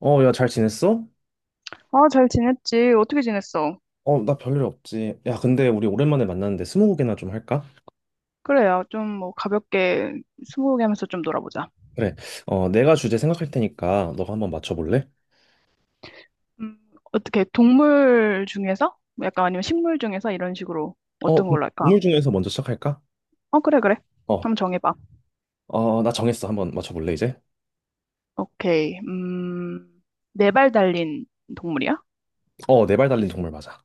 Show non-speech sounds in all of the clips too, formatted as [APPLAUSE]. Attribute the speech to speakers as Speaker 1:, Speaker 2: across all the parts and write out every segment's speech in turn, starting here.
Speaker 1: 야, 잘 지냈어?
Speaker 2: 아, 잘 지냈지? 어떻게 지냈어?
Speaker 1: 나 별일 없지. 야, 근데 우리 오랜만에 만났는데 스무고개나 좀 할까?
Speaker 2: 그래야 좀 뭐 가볍게 스무고개 하면서 좀 놀아보자.
Speaker 1: 그래. 내가 주제 생각할 테니까 너가 한번 맞춰볼래?
Speaker 2: 음, 어떻게 동물 중에서? 뭐 약간 아니면 식물 중에서 이런 식으로 어떤
Speaker 1: 그럼
Speaker 2: 걸로 할까?
Speaker 1: 동물 중에서 먼저 시작할까?
Speaker 2: 어, 그래, 그래.
Speaker 1: 어,
Speaker 2: 한번 정해봐.
Speaker 1: 나 정했어. 한번 맞춰볼래, 이제?
Speaker 2: 오케이. 네발 달린 동물이야?
Speaker 1: 네발 달린 동물 맞아.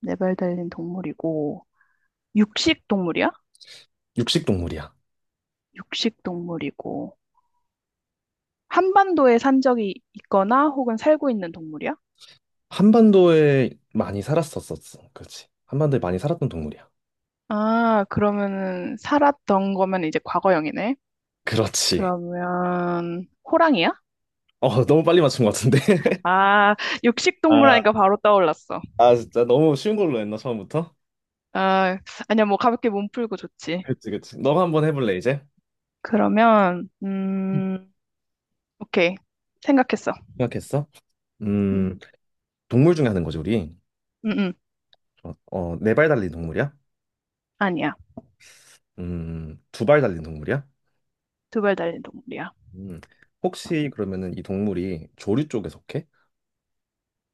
Speaker 2: 네발 달린 동물이고, 육식 동물이야?
Speaker 1: 육식 동물이야.
Speaker 2: 육식 동물이고, 한반도에 산 적이 있거나 혹은 살고 있는 동물이야?
Speaker 1: 한반도에 많이 살았었었어. 그렇지. 한반도에 많이 살았던 동물이야.
Speaker 2: 아, 그러면은 살았던 거면 이제 과거형이네.
Speaker 1: 그렇지.
Speaker 2: 그러면 호랑이야?
Speaker 1: 너무 빨리 맞춘 것 같은데? [LAUGHS]
Speaker 2: 아, 육식동물
Speaker 1: 아,
Speaker 2: 하니까 바로 떠올랐어.
Speaker 1: 아, 진짜 너무 쉬운 걸로 했나, 처음부터?
Speaker 2: 아, 아니야, 뭐 가볍게 몸 풀고 좋지.
Speaker 1: 그치, 그치. 너가 한번 해볼래, 이제?
Speaker 2: 그러면 오케이. 생각했어.
Speaker 1: 생각했어?
Speaker 2: 음,
Speaker 1: 음. 동물 중에 하는 거죠, 우리.
Speaker 2: 음, 음.
Speaker 1: 네 발 달린 동물이야?
Speaker 2: 아니야.
Speaker 1: 두 발 달린 동물이야?
Speaker 2: 두발 달린 동물이야.
Speaker 1: 음, 혹시 그러면은 이 동물이 조류 쪽에 속해?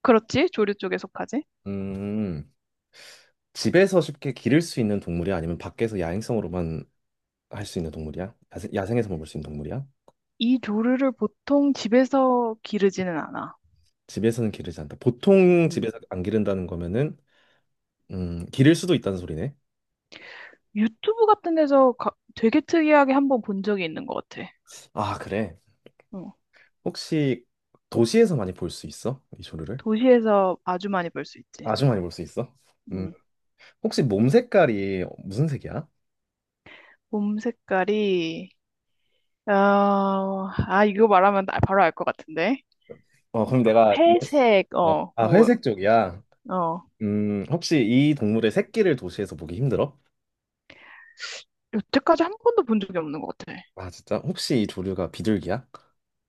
Speaker 2: 그렇지? 조류 쪽에 속하지?
Speaker 1: 음, 집에서 쉽게 기를 수 있는 동물이야? 아니면 밖에서 야행성으로만 할 수 있는 동물이야? 야생, 야생에서만 볼 수 있는 동물이야?
Speaker 2: 이 조류를 보통 집에서 기르지는 않아.
Speaker 1: 집에서는 기르지 않다. 보통
Speaker 2: 음.
Speaker 1: 집에서 안 기른다는 거면은 기를 수도 있다는 소리네.
Speaker 2: 유튜브 같은 데서 되게 특이하게 한번 본 적이 있는 것 같아.
Speaker 1: 아, 그래.
Speaker 2: 어.
Speaker 1: 혹시 도시에서 많이 볼 수 있어? 이 조류를?
Speaker 2: 도시에서 아주 많이 볼 수 있지.
Speaker 1: 아주 많이 볼 수 있어? 음,
Speaker 2: 음.
Speaker 1: 혹시 몸 색깔이 무슨 색이야?
Speaker 2: 몸 색깔이 어, 아, 이거 말하면 나 바로 알 것 같은데.
Speaker 1: 그럼 내가,
Speaker 2: 회색, 어,
Speaker 1: 아,
Speaker 2: 뭐,
Speaker 1: 회색 쪽이야.
Speaker 2: 어.
Speaker 1: 혹시 이 동물의 새끼를 도시에서 보기 힘들어?
Speaker 2: 여태까지 한 번도 본 적이 없는 것 같아.
Speaker 1: 아, 진짜? 혹시 이 조류가 비둘기야?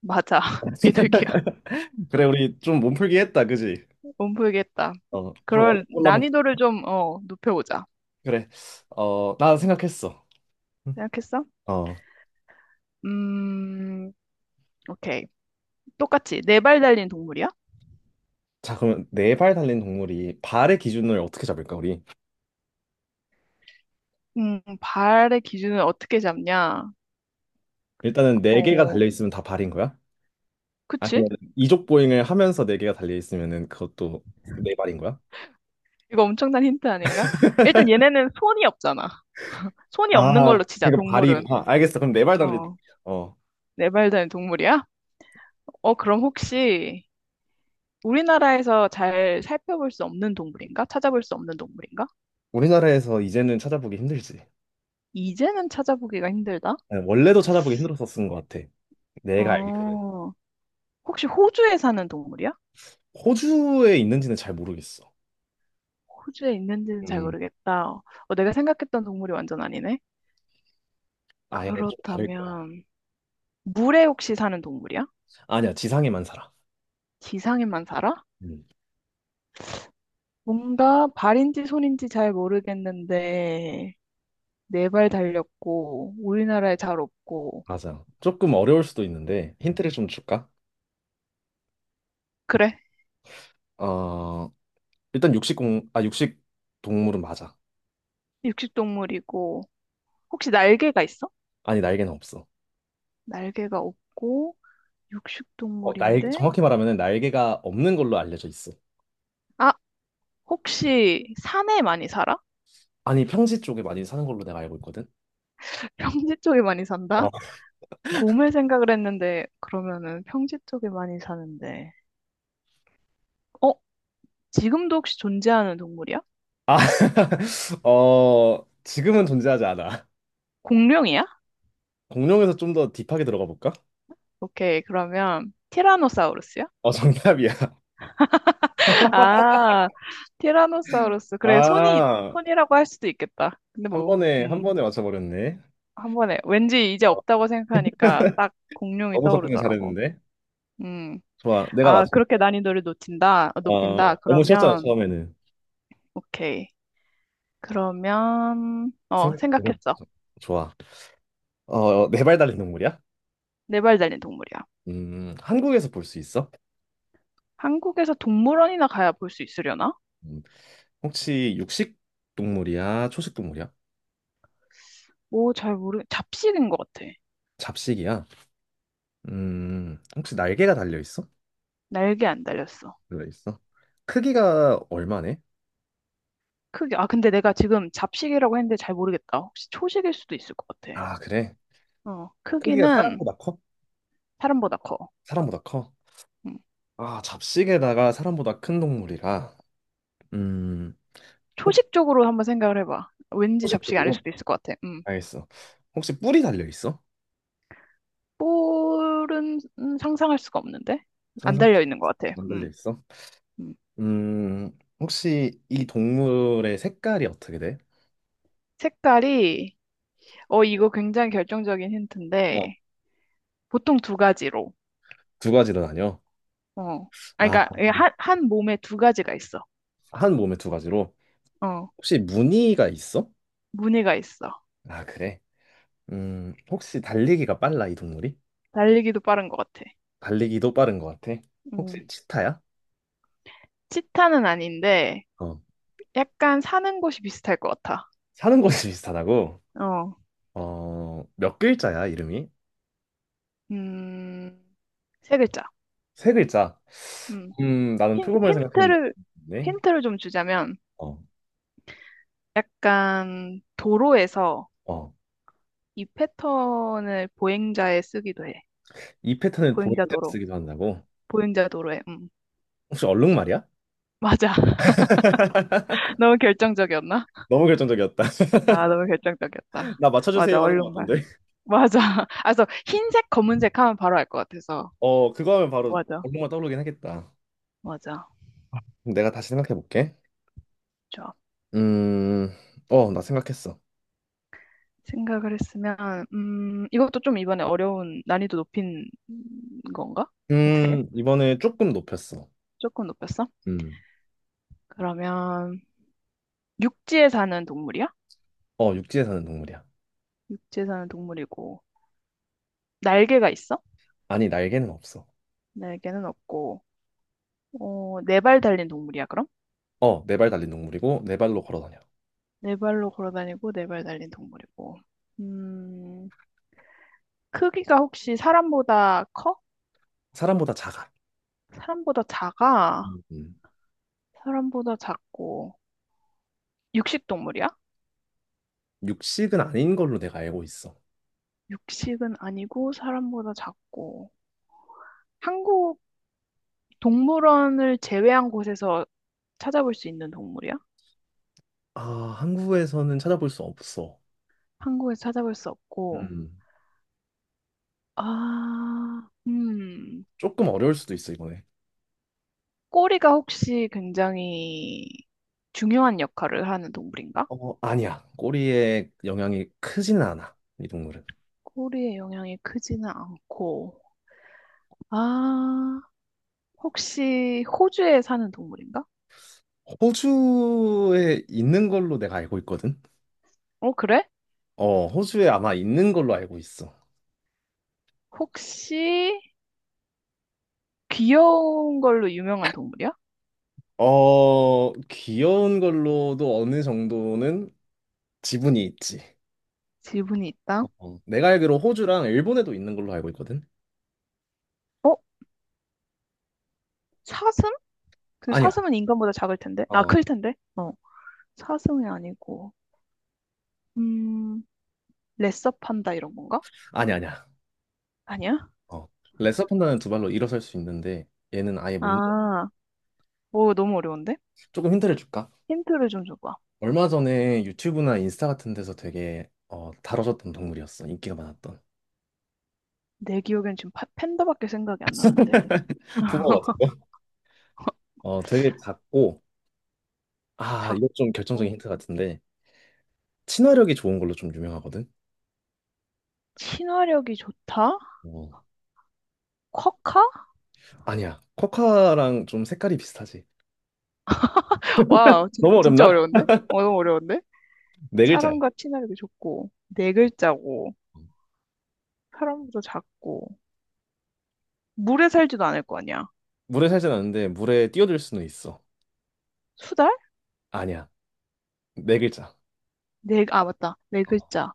Speaker 2: 맞아. [LAUGHS] 비둘기야.
Speaker 1: [LAUGHS] 그래, 우리 좀 몸풀기 했다, 그지?
Speaker 2: 못 풀겠다.
Speaker 1: 좀 어려운
Speaker 2: 그런
Speaker 1: 걸로 하면,
Speaker 2: 난이도를 좀, 어, 높여보자.
Speaker 1: 그래. 나 생각했어.
Speaker 2: 생각했어?
Speaker 1: 어,
Speaker 2: 음, 오케이. 똑같이. 네 발 달린 동물이야?
Speaker 1: 자, 그러면 네 발 달린 동물이 발의 기준을 어떻게 잡을까, 우리?
Speaker 2: 발의 기준은 어떻게 잡냐?
Speaker 1: 일단은 네 개가
Speaker 2: 어,
Speaker 1: 달려 있으면 다 발인 거야?
Speaker 2: 그치?
Speaker 1: 아니면 이족 보행을 하면서 네 개가 달려 있으면은 그것도 네 발인 거야?
Speaker 2: 이거 엄청난 힌트 아닌가? 일단 얘네는 손이 없잖아. 손이 없는
Speaker 1: 아,
Speaker 2: 걸로 치자,
Speaker 1: 그러니까
Speaker 2: 동물은.
Speaker 1: 발이구나. 알겠어. 그럼 내 발 달리.
Speaker 2: 어,
Speaker 1: 어,
Speaker 2: 네 발 달린 동물이야? 어, 그럼 혹시 우리나라에서 잘 살펴볼 수 없는 동물인가? 찾아볼 수 없는 동물인가?
Speaker 1: 우리나라에서 이제는 찾아보기 힘들지.
Speaker 2: 이제는 찾아보기가 힘들다.
Speaker 1: 아니, 원래도 찾아보기 힘들었었던 것 같아. 내가 알기로는.
Speaker 2: 어, 혹시 호주에 사는 동물이야?
Speaker 1: 호주에 있는지는 잘 모르겠어.
Speaker 2: 호주에 있는지는 잘
Speaker 1: 음,
Speaker 2: 모르겠다. 어, 내가 생각했던 동물이 완전 아니네.
Speaker 1: 아예 좀 다를 거야.
Speaker 2: 그렇다면 물에 혹시 사는 동물이야?
Speaker 1: 아니야, 지상에만 살아.
Speaker 2: 지상에만 살아?
Speaker 1: 음,
Speaker 2: 뭔가 발인지 손인지 잘 모르겠는데 네 발 달렸고 우리나라에 잘 없고
Speaker 1: 맞아. 조금 어려울 수도 있는데 힌트를 좀 줄까?
Speaker 2: 그래
Speaker 1: 어, 일단 육식 동물은 맞아.
Speaker 2: 육식동물이고 혹시 날개가 있어?
Speaker 1: 아니, 날개는 없어.
Speaker 2: 날개가 없고 육식동물인데
Speaker 1: 정확히 말하면 날개가 없는 걸로 알려져 있어.
Speaker 2: 아 혹시 산에 많이 살아?
Speaker 1: 아니, 평지 쪽에 많이 사는 걸로 내가 알고 있거든.
Speaker 2: [LAUGHS] 평지 쪽에 많이 산다? 곰을 생각을 했는데 그러면은 평지 쪽에 많이 사는데 어 지금도 혹시 존재하는 동물이야?
Speaker 1: 아, [LAUGHS] 지금은 존재하지 않아.
Speaker 2: 공룡이야?
Speaker 1: 공룡에서 좀 더 딥하게 들어가 볼까?
Speaker 2: 오케이 그러면 티라노사우루스야?
Speaker 1: 정답이야. [LAUGHS]
Speaker 2: [LAUGHS] 아 티라노사우루스 그래 손이
Speaker 1: 아,
Speaker 2: 손이라고 할 수도 있겠다 근데
Speaker 1: 한
Speaker 2: 뭐
Speaker 1: 번에, 한 번에 맞춰버렸네.
Speaker 2: 한 번에 왠지 이제
Speaker 1: 어,
Speaker 2: 없다고
Speaker 1: [LAUGHS]
Speaker 2: 생각하니까 딱 공룡이
Speaker 1: 너무 접근을
Speaker 2: 떠오르더라고
Speaker 1: 잘했는데.
Speaker 2: 음
Speaker 1: 좋아, 내가
Speaker 2: 아,
Speaker 1: 맞춰.
Speaker 2: 그렇게 난이도를 높인다, 어, 높인다.
Speaker 1: 너무 쉬웠잖아,
Speaker 2: 그러면,
Speaker 1: 처음에는.
Speaker 2: 오케이. 그러면, 어,
Speaker 1: 생각해서.
Speaker 2: 생각했어.
Speaker 1: 좋아. 네 발 달린 동물이야?
Speaker 2: 네발 달린 동물이야.
Speaker 1: 한국에서 볼 수 있어?
Speaker 2: 한국에서 동물원이나 가야 볼 수 있으려나?
Speaker 1: 음, 혹시 육식 동물이야? 초식 동물이야?
Speaker 2: 뭐, 잡식인 것 같아.
Speaker 1: 잡식이야? 혹시 날개가 달려 있어?
Speaker 2: 날개 안 달렸어.
Speaker 1: 달려 있어? 크기가 얼마네?
Speaker 2: 크기, 아, 근데 내가 지금 잡식이라고 했는데 잘 모르겠다. 혹시 초식일 수도 있을 것 같아.
Speaker 1: 아, 그래.
Speaker 2: 어,
Speaker 1: 크기가
Speaker 2: 크기는
Speaker 1: 사람보다 커?
Speaker 2: 사람보다 커.
Speaker 1: 사람보다 커?
Speaker 2: 음.
Speaker 1: 아, 잡식에다가 사람보다 큰 동물이라. 음, 혹시
Speaker 2: 초식 쪽으로 한번 생각을 해봐. 왠지 잡식이 아닐
Speaker 1: 소식적으로
Speaker 2: 수도 있을 것 같아. 음.
Speaker 1: 알겠어. 혹시 뿔이 달려 있어?
Speaker 2: 볼은 상상할 수가 없는데? 안
Speaker 1: 상상
Speaker 2: 달려 있는 것 같아.
Speaker 1: 안 달려
Speaker 2: 음.
Speaker 1: 있어?
Speaker 2: 음.
Speaker 1: 혹시 이 동물의 색깔이 어떻게 돼?
Speaker 2: 색깔이, 어, 이거 굉장히 결정적인
Speaker 1: 어,
Speaker 2: 힌트인데, 보통 두 가지로,
Speaker 1: 두 가지로 나뉘어.
Speaker 2: 어. 아,
Speaker 1: 아,
Speaker 2: 그러니까, 예, 한 몸에 두 가지가 있어.
Speaker 1: 한 몸에 두 가지로.
Speaker 2: 어,
Speaker 1: 혹시 무늬가 있어?
Speaker 2: 무늬가 있어.
Speaker 1: 아, 그래. 혹시 달리기가 빨라, 이 동물이?
Speaker 2: 달리기도 빠른 것 같아.
Speaker 1: 달리기도 빠른 것 같아.
Speaker 2: 음,
Speaker 1: 혹시 치타야?
Speaker 2: 치타는 아닌데,
Speaker 1: 어.
Speaker 2: 약간 사는 곳이 비슷할 것 같아.
Speaker 1: 사는 곳이 비슷하다고?
Speaker 2: 어,
Speaker 1: 몇 글자야, 이름이?
Speaker 2: 음, 세 글자.
Speaker 1: 세 글자.
Speaker 2: 음,
Speaker 1: 나는 표고물 생각했는데.
Speaker 2: 힌트를, 힌트를 좀 주자면,
Speaker 1: 어,
Speaker 2: 약간 도로에서
Speaker 1: 어.
Speaker 2: 이 패턴을 보행자에 쓰기도 해.
Speaker 1: 이 패턴을
Speaker 2: 보행자
Speaker 1: 보행자
Speaker 2: 도로.
Speaker 1: 쓰기도 한다고?
Speaker 2: 보행자 도로에. 음.
Speaker 1: 혹시 얼룩말이야?
Speaker 2: 맞아. 너무 결정적이었나?
Speaker 1: 너무 결정적이었다. [LAUGHS]
Speaker 2: 아, 너무 결정적이었다.
Speaker 1: 나 맞춰주세요
Speaker 2: 맞아,
Speaker 1: 하는 것
Speaker 2: 얼룩말.
Speaker 1: 같던데.
Speaker 2: 맞아. [LAUGHS] 아, 그래서 흰색, 검은색 하면 바로 알 것 같아서.
Speaker 1: 그거 하면 바로
Speaker 2: 맞아,
Speaker 1: 얼룩말 떠오르긴 하겠다.
Speaker 2: 맞아.
Speaker 1: 그럼 내가 다시 생각해 볼게.
Speaker 2: 좋아.
Speaker 1: 음, 나 생각했어.
Speaker 2: 생각을 했으면, 이것도 좀 이번에 어려운, 난이도 높인 건가? 어떻게?
Speaker 1: 이번에 조금 높였어.
Speaker 2: 조금 높였어?
Speaker 1: 음,
Speaker 2: 그러면, 육지에 사는 동물이야?
Speaker 1: 육지에 사는 동물이야.
Speaker 2: 육지에 사는 동물이고, 날개가 있어?
Speaker 1: 아니, 날개는 없어.
Speaker 2: 날개는 없고, 어, 네 발 달린 동물이야, 그럼?
Speaker 1: 네 발 달린 동물이고, 네 발로 걸어 다녀.
Speaker 2: 네 발로 걸어 다니고, 네발 달린 동물이고. 음, 크기가 혹시 사람보다 커?
Speaker 1: 사람보다 작아.
Speaker 2: 사람보다 작아?
Speaker 1: 음. 음.
Speaker 2: 사람보다 작고. 육식 동물이야?
Speaker 1: 육식은 아닌 걸로 내가 알고 있어.
Speaker 2: 육식은 아니고 사람보다 작고. 한국 동물원을 제외한 곳에서 찾아볼 수 있는 동물이야?
Speaker 1: 아, 한국에서는 찾아볼 수 없어.
Speaker 2: 한국에서 찾아볼 수 없고.
Speaker 1: 음.
Speaker 2: 아,
Speaker 1: 조금 어려울 수도 있어, 이번에.
Speaker 2: 꼬리가 혹시 굉장히 중요한 역할을 하는 동물인가?
Speaker 1: 아니야. 꼬리에 영향이 크지는 않아, 이 동물은.
Speaker 2: 꼬리의 영향이 크지는 않고. 아, 혹시 호주에 사는 동물인가?
Speaker 1: 호주에 있는 걸로 내가 알고 있거든.
Speaker 2: 어, 그래?
Speaker 1: 호주에 아마 있는 걸로 알고 있어.
Speaker 2: 혹시 귀여운 걸로 유명한 동물이야?
Speaker 1: 귀여운 걸로도 어느 정도는 지분이 있지.
Speaker 2: 지분이 있다.
Speaker 1: 내가 알기로 호주랑 일본에도 있는 걸로 알고 있거든.
Speaker 2: 어? 사슴? 근데
Speaker 1: 아니야.
Speaker 2: 사슴은 인간보다 작을 텐데.
Speaker 1: 어,
Speaker 2: 아,
Speaker 1: 어,
Speaker 2: 클 텐데. 어. 사슴이 아니고. 음, 레서 판다 이런 건가?
Speaker 1: 아니야, 아니야.
Speaker 2: 아니야?
Speaker 1: 어, 레서 판다는 두 발로 일어설 수 있는데 얘는 아예 못.
Speaker 2: 아, 오, 너무 어려운데?
Speaker 1: 조금 힌트를 줄까?
Speaker 2: 힌트를 좀 줘봐.
Speaker 1: 얼마 전에 유튜브나 인스타 같은 데서 되게 다뤄졌던 동물이었어. 인기가 많았던.
Speaker 2: 내 기억엔 지금 팬다밖에 생각이 안 나는데.
Speaker 1: [LAUGHS] 붕어 같은 거? 되게 작고 아, 이거 좀 결정적인
Speaker 2: 작고,
Speaker 1: 힌트 같은데 친화력이 좋은 걸로 좀 유명하거든.
Speaker 2: 친화력이 좋다?
Speaker 1: 어.
Speaker 2: 쿼카?
Speaker 1: 아니야. 코카랑 좀 색깔이 비슷하지.
Speaker 2: 와,
Speaker 1: 너무
Speaker 2: 진짜
Speaker 1: 어렵나?
Speaker 2: 어려운데? 어, 너무 어려운데?
Speaker 1: 네 글자야.
Speaker 2: 사람과 친화력이 좋고, 네 글자고. 사람보다 작고 물에 살지도 않을 거 아니야.
Speaker 1: 물에 살진 않는데 물에 뛰어들 수는 있어.
Speaker 2: 수달?
Speaker 1: 아니야. 네 글자.
Speaker 2: 네, 아 맞다. 네 글자.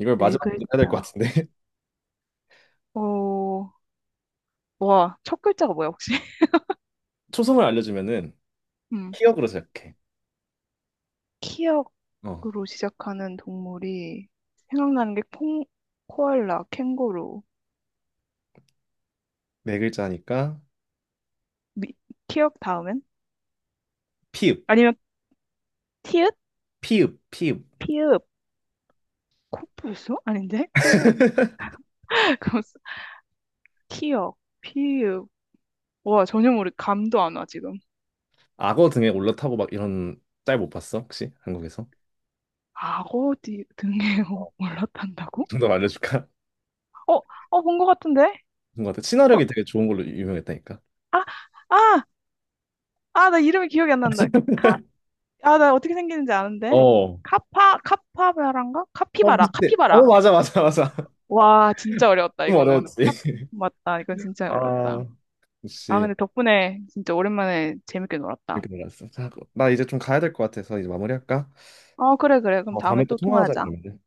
Speaker 1: 이걸
Speaker 2: 네
Speaker 1: 마지막으로 해야 될 것
Speaker 2: 글자.
Speaker 1: 같은데. [LAUGHS]
Speaker 2: 어, 와, 첫 글자가 뭐야 혹시? [LAUGHS]
Speaker 1: 초성을 알려주면은
Speaker 2: 음,
Speaker 1: 피읍으로 시작해. 어.
Speaker 2: 키역으로 시작하는 동물이 생각나는 게 콩, 코알라, 캥거루.
Speaker 1: 네 글자니까
Speaker 2: 미, 키역 다음엔?
Speaker 1: 피읍,
Speaker 2: 아니면 티읕?
Speaker 1: 피읍, 피읍.
Speaker 2: 피읕? 코뿔소? 아닌데? 코, [LAUGHS] 그거 쓰- 키역, 피읕. 와, 감도 안 와, 지금.
Speaker 1: 악어 등에 올라타고 막 이런 짤 못 봤어? 혹시 한국에서?
Speaker 2: 악어 등에 [LAUGHS] 올라탄다고?
Speaker 1: 정더 알려줄까?
Speaker 2: 어, 어, 본 것 같은데?
Speaker 1: 뭔가 되게
Speaker 2: 어,
Speaker 1: 친화력이 되게 좋은 걸로 유명했다니까.
Speaker 2: 아, 아, 아, 나 이름이 기억이 안 난다. 카,
Speaker 1: [LAUGHS]
Speaker 2: 아, 나 어떻게 생기는지 아는데.
Speaker 1: 어.
Speaker 2: 카파, 카파바라인가?
Speaker 1: 어,
Speaker 2: 카피바라,
Speaker 1: 비슷해. 어,
Speaker 2: 카피바라.
Speaker 1: 맞아, 맞아, 맞아. [LAUGHS]
Speaker 2: 와, 진짜 어려웠다,
Speaker 1: 좀
Speaker 2: 이거는.
Speaker 1: 어려웠지.
Speaker 2: 카, 맞다, 이건 진짜 어려웠다.
Speaker 1: 아,
Speaker 2: 아,
Speaker 1: 역시
Speaker 2: 근데 덕분에 진짜 오랜만에 재밌게 놀았다.
Speaker 1: 이렇게 놀랐어. 자, 나 이제 좀 가야 될 것 같아서 이제 마무리할까?
Speaker 2: 어, 그래, 그래. 그럼
Speaker 1: 어,
Speaker 2: 다음에
Speaker 1: 다음에 또
Speaker 2: 또
Speaker 1: 통화하자
Speaker 2: 통화하자.
Speaker 1: 그러면.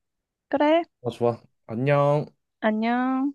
Speaker 2: 그래,
Speaker 1: 어, 좋아. 안녕.
Speaker 2: 안녕.